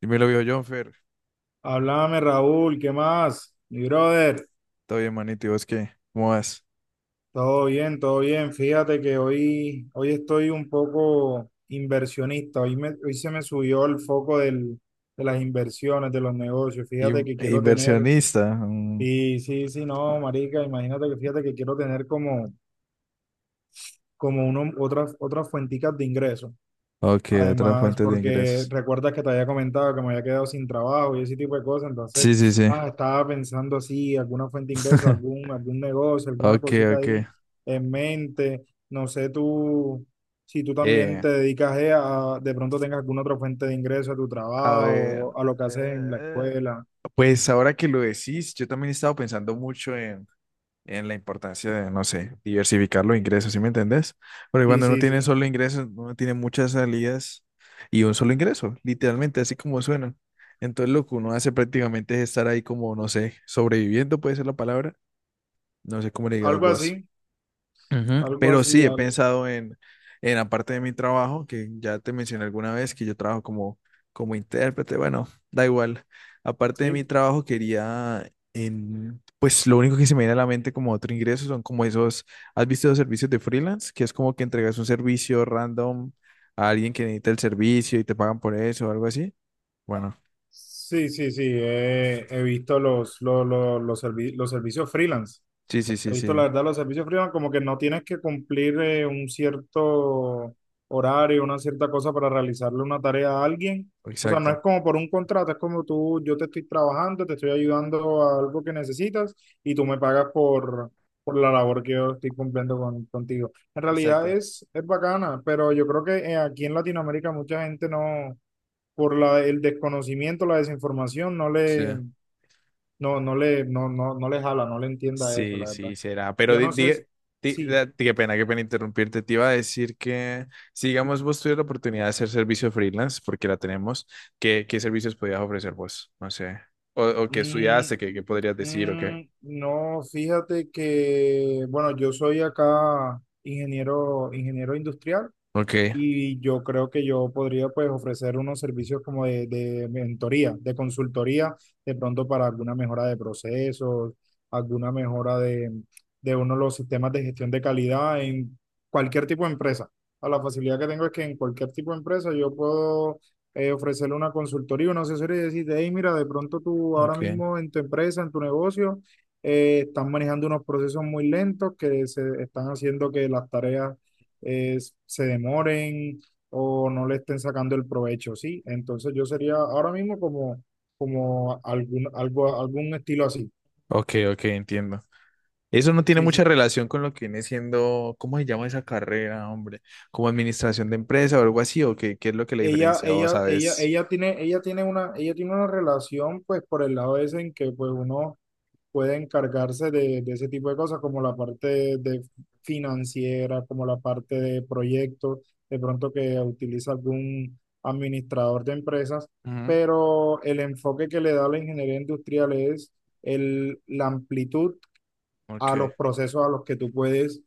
Y me lo vio John Fer. Háblame, Raúl, ¿qué más? Mi brother, Todo bien, manito. ¿Y vos qué? ¿Cómo vas? todo bien, todo bien. Fíjate que hoy estoy un poco inversionista. Hoy, hoy se me subió el foco de las inversiones, de los negocios. Fíjate In- que quiero tener, inversionista. mm. y sí, sí, no, marica, imagínate que fíjate que quiero tener como uno, otras fuenticas de ingreso. Ok, otra Además, fuente de porque ingresos. recuerdas que te había comentado que me había quedado sin trabajo y ese tipo de cosas, Sí, sí, entonces, sí. Estaba pensando así, alguna fuente de ingreso, algún negocio, alguna Ok, cosita ok. ahí en mente. No sé tú, si tú también Eh, te dedicas de pronto tengas alguna otra fuente de ingreso a tu a ver. trabajo, a lo que haces en la eh, escuela. pues ahora que lo decís, yo también he estado pensando mucho en la importancia de, no sé, diversificar los ingresos, ¿sí me entendés? Porque Sí, cuando uno sí, tiene sí. solo ingresos, uno tiene muchas salidas y un solo ingreso, literalmente, así como suena. Entonces lo que uno hace prácticamente es estar ahí como, no sé, sobreviviendo puede ser la palabra, no sé cómo le digas Algo vos. así, Ujú. algo Pero así, sí he pensado en la parte de mi trabajo, que ya te mencioné alguna vez, que yo trabajo como, como intérprete, bueno, da igual. Aparte de mi sí. trabajo, quería, en, pues lo único que se me viene a la mente como otro ingreso son como esos, ¿has visto los servicios de freelance? Que es como que entregas un servicio random a alguien que necesita el servicio y te pagan por eso o algo así. Bueno, Sí, sí, sí. He visto los servicios freelance. sí, sí, He sí, visto, sí, la verdad, los servicios freelance como que no tienes que cumplir un cierto horario, una cierta cosa para realizarle una tarea a alguien. O sea, no es exacto, como por un contrato, es como tú, yo te estoy trabajando, te estoy ayudando a algo que necesitas y tú me pagas por la labor que yo estoy cumpliendo con, contigo. En realidad exacto. es bacana, pero yo creo que aquí en Latinoamérica mucha gente no, por la, el desconocimiento, la desinformación, no Sí. le, no, no le, no, no, no les habla, no le entienda eso, Sí, la verdad. sí, será. Pero Yo no sé si, sí, qué pena interrumpirte. Te iba a decir que, si digamos, vos tuvieras la oportunidad de hacer servicio freelance, porque la tenemos, ¿qué, qué servicios podías ofrecer vos? No sé. O qué mm, estudiaste, qué, qué podrías decir, o qué. mm, no, fíjate que, bueno, yo soy acá ingeniero industrial. Ok, Y yo creo que yo podría pues ofrecer unos servicios como de, mentoría, de consultoría, de pronto para alguna mejora de procesos, alguna mejora de uno de los sistemas de gestión de calidad en cualquier tipo de empresa. A la facilidad que tengo es que en cualquier tipo de empresa yo puedo ofrecerle una consultoría, una asesoría y decirte, hey, mira, de pronto tú ahora ok, mismo en tu empresa, en tu negocio, estás manejando unos procesos muy lentos que se están haciendo que las tareas se demoren o no le estén sacando el provecho, ¿sí? Entonces yo sería ahora mismo como algún estilo así, ok, ok, entiendo. Eso no tiene sí, mucha sí. relación con lo que viene siendo, ¿cómo se llama esa carrera, hombre? ¿Como administración de empresa o algo así? ¿O qué, qué es lo que la diferencia? ¿O sabes? Ella tiene una relación, pues, por el lado ese en que, pues, uno puede encargarse de ese tipo de cosas, como la parte de financiera, como la parte de proyectos, de pronto que utiliza algún administrador de empresas, Ujú. pero el enfoque que le da la ingeniería industrial es la amplitud a los Ok. procesos a los que tú puedes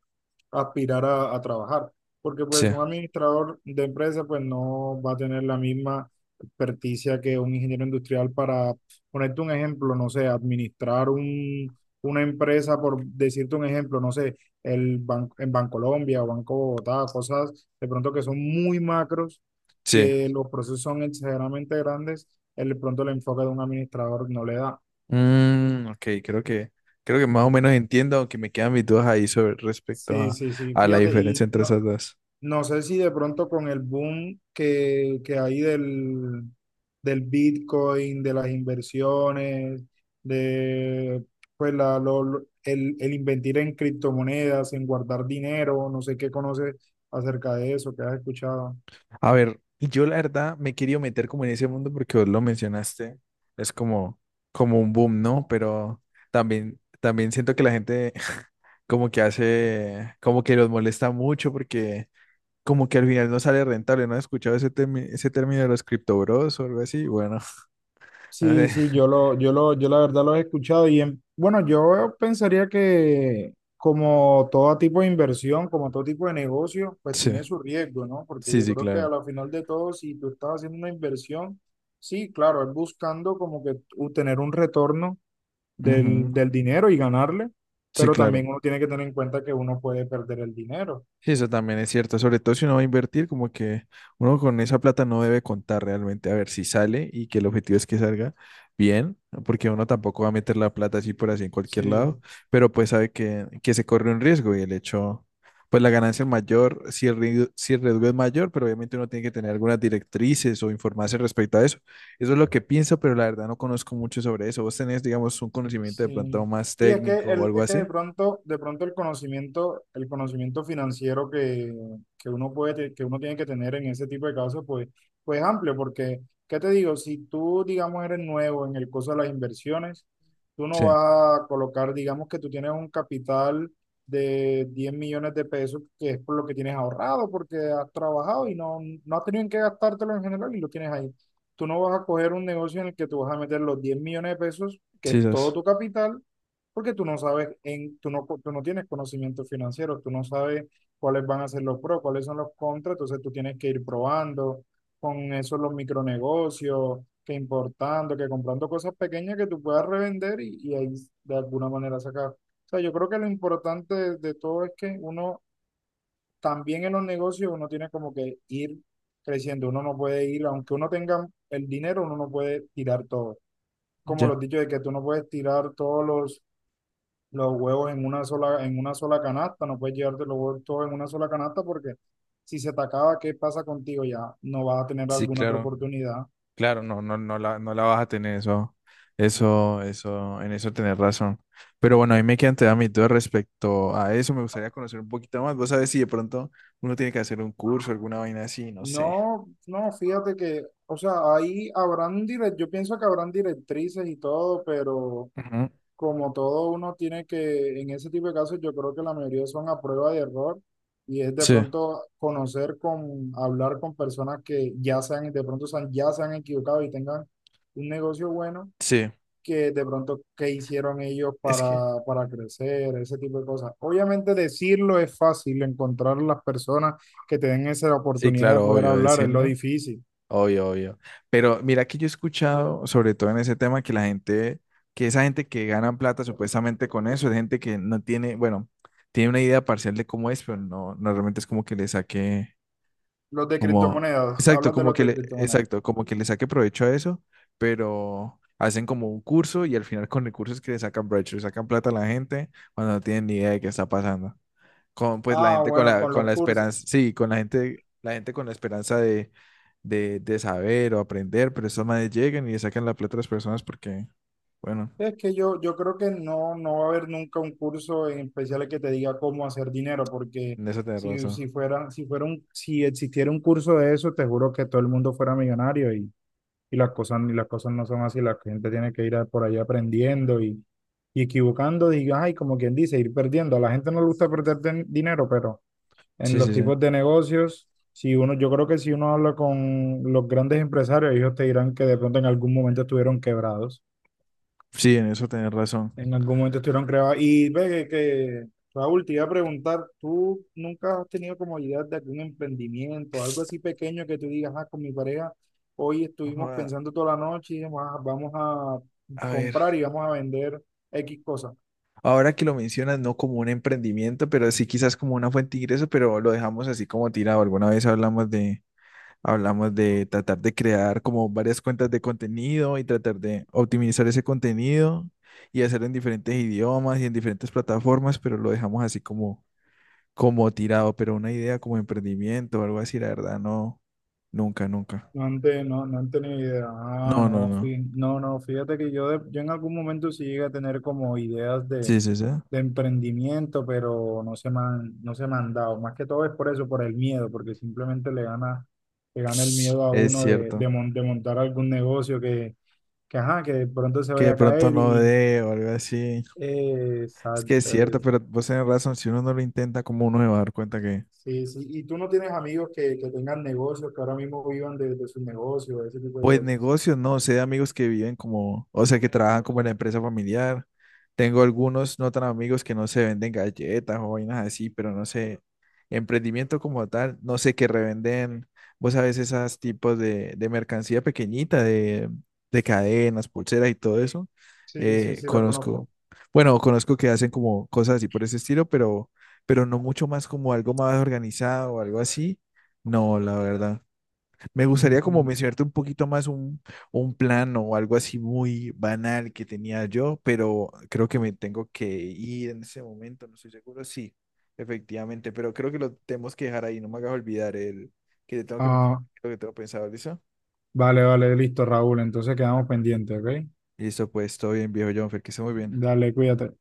aspirar a trabajar. Porque Sí, pues un administrador de empresa pues no va a tener la misma experticia que un ingeniero industrial para ponerte un ejemplo, no sé, administrar una empresa, por decirte un ejemplo, no sé, en Bancolombia o Banco Bogotá, cosas de pronto que son muy macros, sí. que los procesos son exageradamente grandes, el de pronto el enfoque de un administrador no le da. Mm, ok, creo que más o Ya. menos entiendo, aunque me quedan mis dudas ahí sobre respecto Sí, sí, sí, a la fíjate, diferencia y entre no. esas dos. No sé si de pronto con el boom que hay del Bitcoin, de las inversiones, de pues la, lo- el invertir en criptomonedas, en guardar dinero, no sé qué conoces acerca de eso, qué has escuchado. A ver, yo la verdad me he querido meter como en ese mundo porque vos lo mencionaste, es como, como un boom, ¿no? Pero también, también siento que la gente como que hace, como que los molesta mucho porque como que al final no sale rentable, ¿no has escuchado ese, ese término de los cripto bros o algo así? Bueno, no Sí, sé. sí, yo la verdad lo he escuchado y bueno, yo pensaría que como todo tipo de inversión, como todo tipo de negocio, pues Sí, tiene su riesgo, ¿no? Porque sí, yo sí, creo que a claro. la final de todo, si tú estás haciendo una inversión, sí, claro, es buscando como que obtener un retorno Ujú. del dinero y ganarle, Sí, pero claro. también uno tiene que tener en cuenta que uno puede perder el dinero. Sí, eso también es cierto, sobre todo si uno va a invertir, como que uno con esa plata no debe contar realmente a ver si sale y que el objetivo es que salga bien, ¿no? Porque uno tampoco va a meter la plata así por así en cualquier lado, Sí. pero pues sabe que se corre un riesgo y el hecho, pues la ganancia es mayor, si el, si el riesgo es mayor, pero obviamente uno tiene que tener algunas directrices o informarse respecto a eso. Eso es lo que pienso, pero la verdad no conozco mucho sobre eso. ¿Vos tenés, digamos, un conocimiento de pronto Sí. más Y es que, técnico o algo es que así? de pronto el conocimiento financiero que uno puede, que uno tiene que tener en ese tipo de casos, es amplio, porque, ¿qué te digo? Si tú, digamos, eres nuevo en el curso de las inversiones, tú no Sí, vas a colocar, digamos que tú tienes un capital de 10 millones de pesos, que es por lo que tienes ahorrado, porque has trabajado y no has tenido en qué gastártelo en general y lo tienes ahí, tú no vas a coger un negocio en el que tú vas a meter los 10 millones de pesos, que sí, es eso todo es. tu capital, porque tú no tienes conocimiento financiero, tú no sabes cuáles van a ser los pros, cuáles son los contras, entonces tú tienes que ir probando con eso los micronegocios, que importando, que comprando cosas pequeñas que tú puedas revender y ahí de alguna manera sacar. O sea, yo creo que lo importante de todo es que uno también en los negocios uno tiene como que ir creciendo, uno no puede ir, aunque uno tenga el dinero, uno no puede tirar todo. Como Ya. los dichos de que tú no puedes tirar todos los huevos en una sola canasta, no puedes llevarte los huevos todos en una sola canasta porque si se te acaba, ¿qué pasa contigo ya? No vas a tener Sí, alguna otra claro. oportunidad. Claro, no, no, no la, no la vas a tener eso, eso, eso, en eso tenés razón. Pero bueno, ahí me quedan todavía mis dudas respecto a eso. Me gustaría conocer un poquito más. Vos sabés si de pronto uno tiene que hacer un curso, alguna vaina así, no sé. No, no, fíjate que, o sea, ahí habrán yo pienso que habrán directrices y todo, pero Ujú. como todo uno tiene que, en ese tipo de casos, yo creo que la mayoría son a prueba de error y es de Sí, pronto conocer con, hablar con personas que ya se han, de pronto se han- ya se han equivocado y tengan un negocio bueno, sí. que de pronto qué hicieron ellos Es que, para crecer, ese tipo de cosas. Obviamente decirlo es fácil, encontrar las personas que te den esa sí, oportunidad de claro, poder obvio hablar es lo decirlo. difícil. Obvio, obvio. Pero mira que yo he escuchado, sobre todo en ese tema, que la gente, que esa gente que gana plata supuestamente con eso, es gente que no tiene, bueno, tiene una idea parcial de cómo es, pero no, no realmente es como que le saque. Los de Como, criptomonedas, exacto, hablas de como los que de le, criptomonedas. exacto, como que le saque provecho a eso, pero hacen como un curso y al final con el curso es que le sacan provecho, le sacan plata a la gente cuando no tienen ni idea de qué está pasando. Con pues la Ah, gente bueno, con con la los cursos. esperanza, sí, con la gente con la esperanza de saber o aprender, pero esos manes llegan y le sacan la plata a las personas porque, bueno, Es que yo creo que no, no va a haber nunca un curso en especial que te diga cómo hacer dinero, porque en eso tenés si, razón. si fuera, si fuera un, si existiera un curso de eso, te juro que todo el mundo fuera millonario y las cosas no son así, la gente tiene que ir por ahí aprendiendo y equivocando, diga, ay, como quien dice, ir perdiendo. A la gente no le gusta perder dinero, pero en Sí, los sí, sí. tipos de negocios, si uno, yo creo que si uno habla con los grandes empresarios, ellos te dirán que de pronto en algún momento estuvieron quebrados, Sí, en eso tenés razón. en algún momento estuvieron creadas. Y ve que, Raúl, te iba a preguntar, ¿tú nunca has tenido como idea de algún emprendimiento, algo así pequeño que tú digas, con mi pareja, hoy estuvimos Ahora, pensando toda la noche y dijimos, "Ah, vamos a a ver. comprar y vamos a vender X cosas"? Ahora que lo mencionas, no como un emprendimiento, pero sí quizás como una fuente de ingreso, pero lo dejamos así como tirado. Alguna vez hablamos de tratar de crear como varias cuentas de contenido y tratar de optimizar ese contenido y hacerlo en diferentes idiomas y en diferentes plataformas, pero lo dejamos así como, como tirado. Pero una idea como emprendimiento o algo así, la verdad, no, nunca, nunca. No han, no, no han tenido idea. Ah, No, no, no, no. No, no, fíjate que yo en algún momento sí llegué a tener como ideas de Sí, sí, sí. emprendimiento, pero no se me han dado. Más que todo es por eso, por el miedo, porque simplemente le gana el miedo a Es uno de, de, cierto. mon- de montar algún negocio que, ajá, que de pronto se Que vaya de a pronto caer no y... dé o algo así. Es que es exacto. cierto, pero vos tenés razón, si uno no lo intenta, ¿cómo uno se va a dar cuenta que, Sí, sí. ¿Y tú no tienes amigos que tengan negocios, que ahora mismo vivan de sus negocios, ese tipo de pues cosas? negocios, no sé, amigos que viven como, o sea, que trabajan como en la empresa familiar. Tengo algunos no tan amigos que no se venden galletas o vainas así, pero no sé, emprendimiento como tal, no sé, que revenden, vos sabes, esas tipos de mercancía pequeñita, de cadenas, pulseras y todo eso. Sí, sí, sí, los conozco. Conozco, bueno, conozco que hacen como cosas así por ese estilo, pero no mucho más como algo más organizado o algo así. No, la verdad. Me gustaría como Mm, mencionarte un poquito más un plan o algo así muy banal que tenía yo, pero creo que me tengo que ir en ese momento, no estoy seguro. Sí, efectivamente, pero creo que lo tenemos que dejar ahí, no me hagas olvidar el que te tengo que mencionar, Ah, lo que tengo pensado, ¿listo? vale, vale, listo, Raúl. Entonces quedamos pendientes, ¿ok? Listo, pues todo bien, viejo Jonfer, que esté muy bien. Dale, cuídate.